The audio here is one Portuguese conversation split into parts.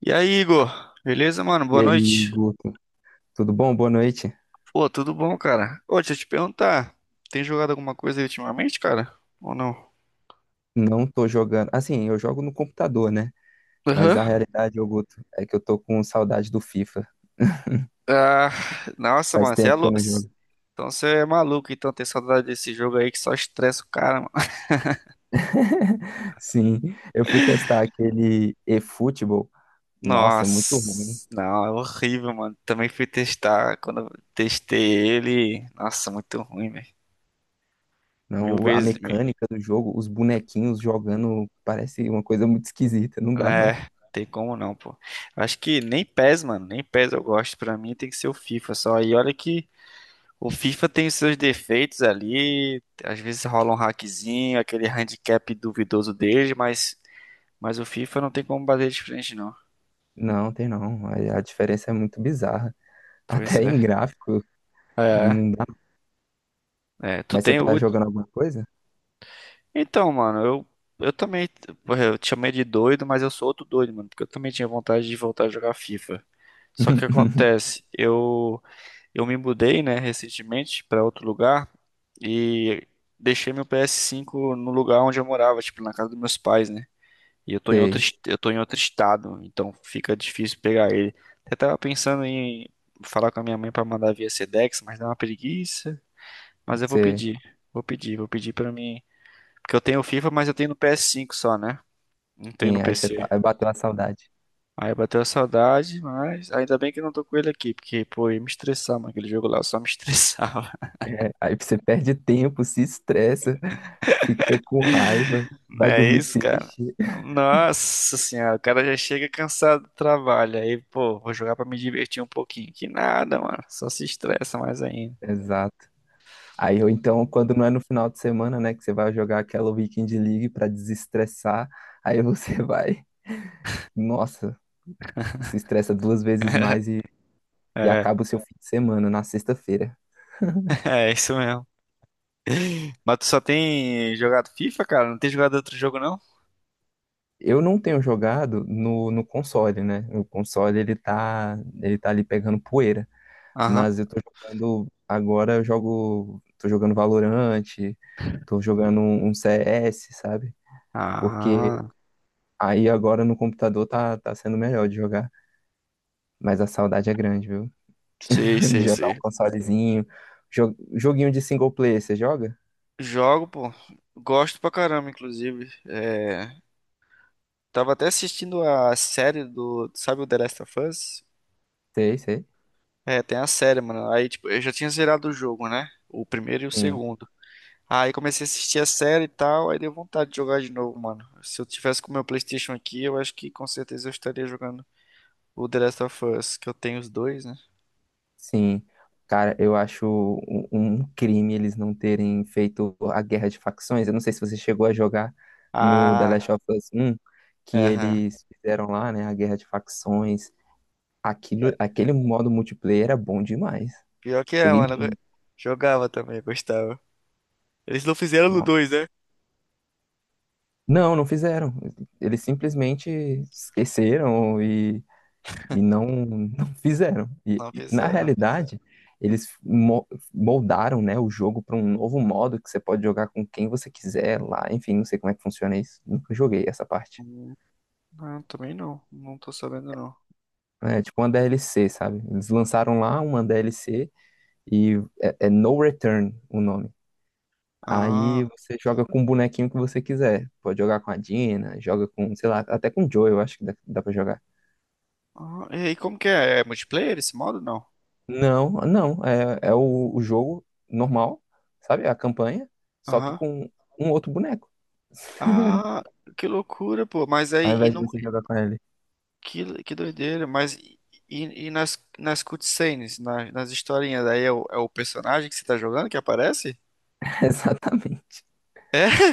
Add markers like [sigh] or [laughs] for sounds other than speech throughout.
E aí, Igor? Beleza, mano? E Boa aí, noite. Guto, tudo bom? Boa noite. Pô, tudo bom, cara? Ô, deixa eu te perguntar, tem jogado alguma coisa aí ultimamente, cara? Ou não? Não tô jogando. Assim, eu jogo no computador, né? Mas a Aham. realidade, ô Guto, é que eu tô com saudade do FIFA. Ah, nossa, Faz mano, você é tempo que eu louco. não jogo. Então você é maluco, então tem saudade desse jogo aí que só estressa o cara, mano. [laughs] Sim, eu fui testar aquele eFootball. Nossa, muito ruim. Nossa, não, é horrível, mano. Também fui testar, quando eu testei ele, nossa, muito ruim, velho. Mil Não, a vezes, mil. mecânica do jogo, os bonequinhos jogando, parece uma coisa muito esquisita. Não dá, não. É, tem como não, pô. Acho que nem PES, mano, nem PES eu gosto. Pra mim tem que ser o FIFA só. E olha que o FIFA tem os seus defeitos ali, às vezes rola um hackzinho, aquele handicap duvidoso dele, mas o FIFA não tem como bater de frente, não. Não, tem não. A diferença é muito bizarra. Pois Até é. em gráfico, É, não dá. é. Tu Mas você tem tá o. jogando alguma coisa? Então, mano, eu também. Porra, eu te chamei de doido, mas eu sou outro doido, mano, porque eu também tinha vontade de voltar a jogar FIFA. Só que o que [laughs] acontece, eu me mudei, né, recentemente pra outro lugar e deixei meu PS5 no lugar onde eu morava, tipo, na casa dos meus pais, né? E eu tô em outro, Sei, eu tô em outro estado, então fica difícil pegar ele. Eu tava pensando em falar com a minha mãe pra mandar via Sedex, mas dá uma preguiça. Mas eu vou sei. pedir, vou pedir, vou pedir pra mim. Porque eu tenho o FIFA, mas eu tenho no PS5 só, né? Não tenho no Sim, Sim. aí você tá, PC. aí bateu a saudade. Aí bateu a saudade, mas ainda bem que eu não tô com ele aqui, porque, pô, eu ia me estressar, mano, aquele jogo lá, eu só me [laughs] estressava. É, aí você perde tempo, se estressa, fica com raiva, Não vai é dormir isso, cara? triste. Nossa senhora, o cara já chega cansado do trabalho. Aí, pô, vou jogar pra me divertir um pouquinho. Que nada, mano. Só se estressa mais ainda. Exato. Aí ou então, quando não é no final de semana, né, que você vai jogar aquela Weekend League pra desestressar, aí você [laughs] vai, nossa, se estressa duas vezes mais e É, acaba o seu fim de semana na sexta-feira. [laughs] é isso mesmo. Mas tu só tem jogado FIFA, cara? Não tem jogado outro jogo, não? Eu não tenho jogado no console, né? O console ele tá ali pegando poeira. Mas eu Aham. tô jogando. Agora eu jogo. Tô jogando Valorant, tô jogando um CS, sabe? Porque Ah, aí agora no computador tá, tá sendo melhor de jogar. Mas a saudade é grande, viu? sei, [laughs] De sei, jogar um sei. consolezinho. Joguinho de single player, você joga? Jogo, pô. Gosto pra caramba, inclusive. É, tava até assistindo a série do. Sabe o The Last of Us? Sei, sei. É, tem a série, mano. Aí, tipo, eu já tinha zerado o jogo, né? O primeiro e o Sim. segundo. Aí comecei a assistir a série e tal, aí deu vontade de jogar de novo, mano. Se eu tivesse com o meu PlayStation aqui, eu acho que com certeza eu estaria jogando o The Last of Us, que eu tenho os dois, né? Sim, cara, eu acho um, um crime eles não terem feito a guerra de facções. Eu não sei se você chegou a jogar no The Ah, Last of Us um que aham. eles fizeram lá, né, a guerra de facções. É, Aquilo, aquele modo multiplayer era bom demais. pior que é, Joguei mano. Eu muito, jogava também, gostava. Eles não fizeram no nossa. dois, né? Não, não fizeram. Eles simplesmente esqueceram e não fizeram. Não Na fizeram. realidade, eles moldaram, né, o jogo para um novo modo que você pode jogar com quem você quiser lá. Enfim, não sei como é que funciona isso. Nunca joguei essa parte. Hum, Não, também não. Não tô sabendo, não. É tipo uma DLC, sabe? Eles lançaram lá uma DLC e é, é No Return o nome. Aí Ah, você joga com o bonequinho que você quiser. Pode jogar com a Dina, joga com, sei lá, até com o Joe, eu acho que dá, dá pra jogar. ah, e aí, como que é? É multiplayer esse modo? Não. Não, não. É, é o jogo normal, sabe? É a campanha, só que Aham. com um outro boneco, [laughs] Ah, que loucura, pô. Mas ao aí, e invés de no você jogar com ele. que doideira, mas e nas cutscenes, nas historinhas, aí é é o personagem que você tá jogando que aparece? [laughs] Exatamente. É,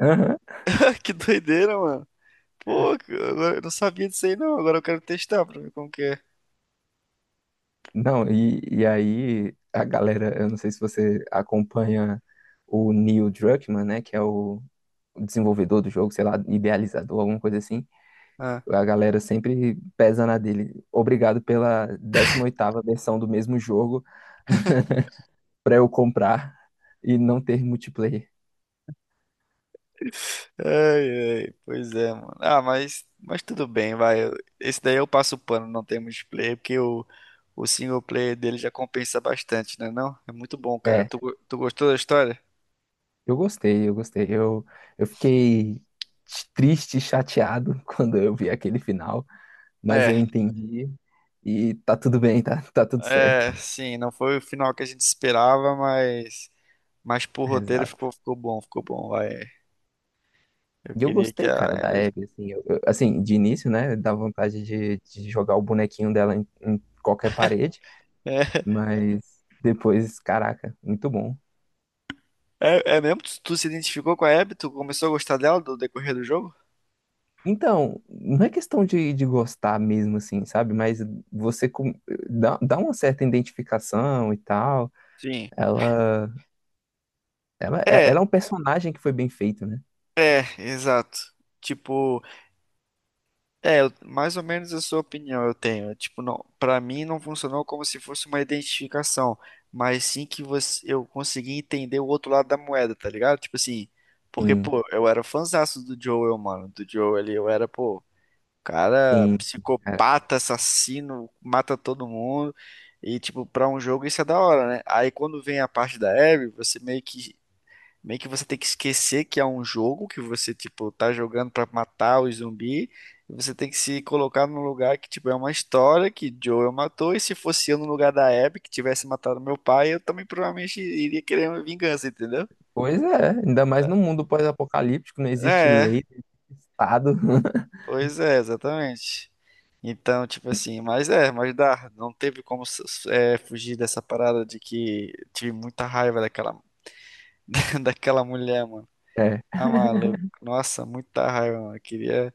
Aham. [laughs] que doideira, mano. Pô, eu não sabia disso aí não, agora eu quero testar pra ver como que é. Não, e aí a galera, eu não sei se você acompanha o Neil Druckmann, né? Que é o desenvolvedor do jogo, sei lá, idealizador, alguma coisa assim. Ah. A galera sempre pesa na dele. Obrigado pela décima oitava versão do mesmo jogo pra eu comprar e não ter multiplayer. Ai, ai, pois é, mano. Ah, mas tudo bem, vai. Esse daí eu passo o pano, não tem multiplayer, porque o single player dele já compensa bastante, né não? É muito bom, cara. É, Tu, tu gostou da história? eu gostei, eu gostei. Eu fiquei triste e chateado [laughs] quando eu vi aquele final, mas eu É. entendi e tá tudo bem, tá, tá tudo certo. É, sim, não foi o final que a gente esperava, mas pro [laughs] roteiro Exato. ficou, ficou bom, vai. Eu E eu queria que a... gostei, cara, da Ellie- Abby, assim, assim, de início, né, dá vontade de jogar o bonequinho dela em, em qualquer parede, [laughs] mas depois, caraca, muito bom. É mesmo? Tu se identificou com a Abby? Tu começou a gostar dela do decorrer do jogo? Então, não é questão de gostar mesmo, assim, sabe? Mas você com- dá, dá uma certa identificação e tal. Sim. Ela. Ela, É, ela é um personagem que foi bem feito, né? Exato. Tipo, é, mais ou menos a sua opinião eu tenho. Tipo, não, para mim não funcionou como se fosse uma identificação, mas sim que você, eu consegui entender o outro lado da moeda, tá ligado? Tipo assim, porque, Sim, pô, eu era fãzaço do Joel, mano. Do Joel ali, eu era, pô, cara sim, sim, cara. psicopata, assassino, mata todo mundo. E, tipo, pra um jogo isso é da hora, né? Aí quando vem a parte da Abby, você meio que meio que você tem que esquecer que é um jogo que você, tipo, tá jogando pra matar o zumbi. E você tem que se colocar num lugar que, tipo, é uma história que Joel matou. E se fosse eu no lugar da Abby, que tivesse matado meu pai, eu também provavelmente iria querer uma vingança, entendeu? Pois é, ainda mais no mundo pós-apocalíptico, não existe É, lei, não existe Estado. [laughs] pois é, exatamente. Então, tipo assim, mas é, mas dá. Não teve como é, fugir dessa parada de que tive muita raiva daquela, [laughs] daquela mulher, mano. É, Ah, maluco. Nossa, muita raiva, mano. Queria.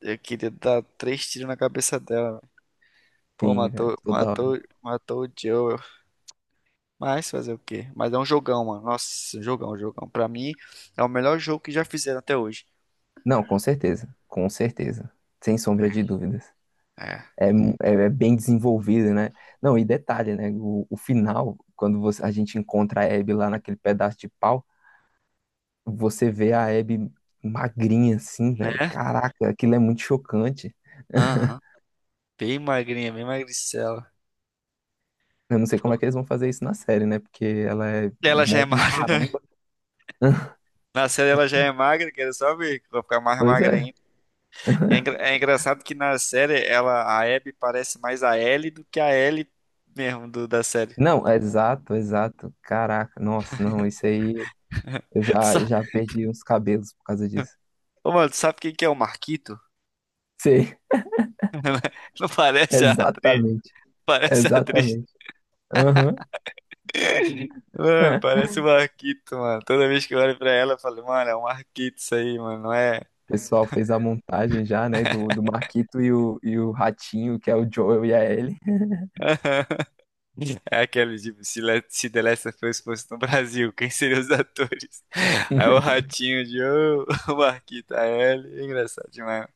Eu queria dar três tiros na cabeça dela, velho. Pô, sim, velho, toda hora. Matou o Joel. Mas fazer o quê? Mas é um jogão, mano. Nossa, um jogão, um jogão. Pra mim, é o melhor jogo que já fizeram até hoje. Não, com certeza, sem sombra de dúvidas. É. É, é, é bem desenvolvido, né? Não, e detalhe, né? O final, a gente encontra a Abby lá naquele pedaço de pau, você vê a Abby magrinha assim, velho. Né? Caraca, aquilo é muito chocante. Aham. Bem magrinha, bem magricela. Eu não sei Pô, como é que eles vão fazer isso na série, né? Porque ela é ela já é mó magra. maromba. [laughs] [laughs] Na série ela já é magra, quero só ver que vai ficar mais Pois magra é. ainda. E é, é engraçado que na série ela, a Abby parece mais a Ellie do que a Ellie mesmo do, da série. Não, exato, exato. Caraca, nossa, não, isso aí eu [laughs] Tu já, sa- já perdi uns cabelos por causa disso. Ô, mano, tu sabe quem que é o Marquito? Sei, [laughs] Não [laughs] parece a atriz. exatamente, [laughs] Parece a atriz. exatamente. Aham. Mano, É. parece um Marquito, mano. Toda vez que eu olho pra ela, eu falo, mano, é um Marquito isso aí, mano, não é? O pessoal fez a montagem já, né? Do Marquito e o Ratinho, que é o Joel e a Ellie. [laughs] É aquele tipo, se, se The Last of Us fosse no Brasil, quem seriam os atores? [laughs] Aí o [laughs] Ratinho de ô, [laughs] o Marquito, a Ellie. É engraçado demais.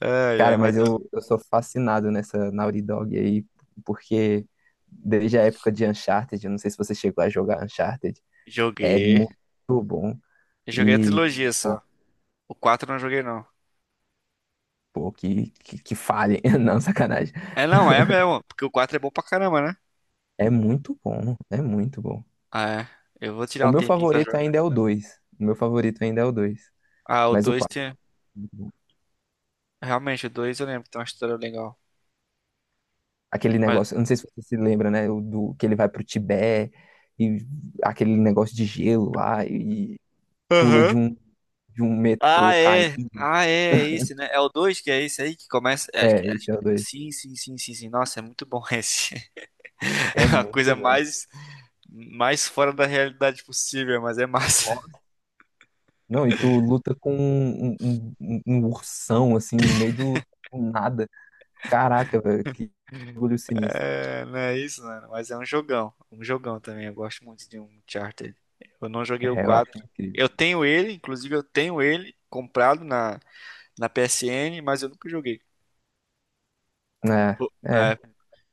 Ai, ai, Cara, mas mas eu sou fascinado nessa Naughty Dog aí, porque desde a época de Uncharted, eu não sei se você chegou a jogar Uncharted. eu É muito joguei. bom. Eu joguei a E, trilogia pô, só. O 4 eu não joguei, não. pô, que falem. [laughs] Não, sacanagem. É, não, é mesmo. Porque o 4 é bom pra caramba, né? É muito bom. É muito bom. Ah, é. Eu vou O tirar um meu tempinho pra favorito jogar. ainda é o dois. O meu favorito ainda é o 2 Ah, o Mas o 2 quatro. tem. Realmente, o 2 eu lembro que tem uma história legal. Aquele negócio. Eu Não sei se você se lembra, né? Que ele vai pro Tibete. E aquele negócio de gelo lá. E pula Aham. De um Ah, metrô é. caindo. Ah, é, é [laughs] esse, né? É o 2 que é esse aí que começa. É, É, é, esse é o dois. sim, nossa, é muito bom esse. É [laughs] É a coisa muito bom. mais, mais fora da realidade possível, mas é massa. Não, e tu luta com um ursão, assim, no meio do, do nada. Caraca, velho, que [laughs] orgulho sinistro. É, não é isso, mano. Mas é um jogão. Um jogão também. Eu gosto muito de um Uncharted. Eu não joguei o É, eu 4, acho incrível. eu tenho ele, inclusive eu tenho ele comprado na PSN, mas eu nunca joguei. É, Pô, é. é,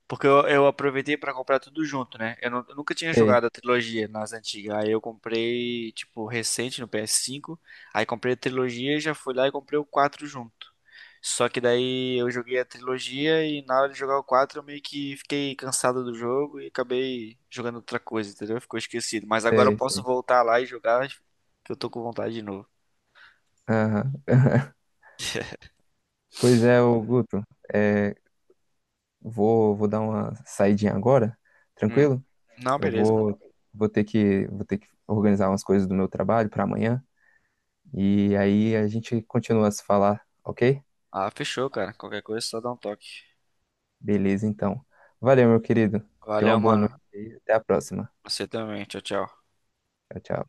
Porque eu aproveitei pra comprar tudo junto, né? Eu, eu nunca tinha sei, jogado a trilogia nas antigas. Aí eu comprei, tipo, recente no PS5. Aí comprei a trilogia e já fui lá e comprei o 4 junto. Só que daí eu joguei a trilogia e na hora de jogar o 4 eu meio que fiquei cansado do jogo e acabei jogando outra coisa, entendeu? Ficou esquecido. Mas agora eu sei, posso sei. voltar lá e jogar que eu tô com vontade de novo. Aham. [laughs] [laughs] Pois é, ô Guto, é, vou, vou dar uma saidinha agora, Hum. tranquilo? Não, Eu beleza, mano. vou, vou ter que organizar umas coisas do meu trabalho para amanhã, e aí a gente continua a se falar, ok? Ah, fechou, cara. Qualquer coisa, é só dá um toque. Beleza, então. Valeu, meu querido. Tenha Valeu, uma boa noite mano. e até a próxima. Você também. Tchau, tchau. Tchau, tchau.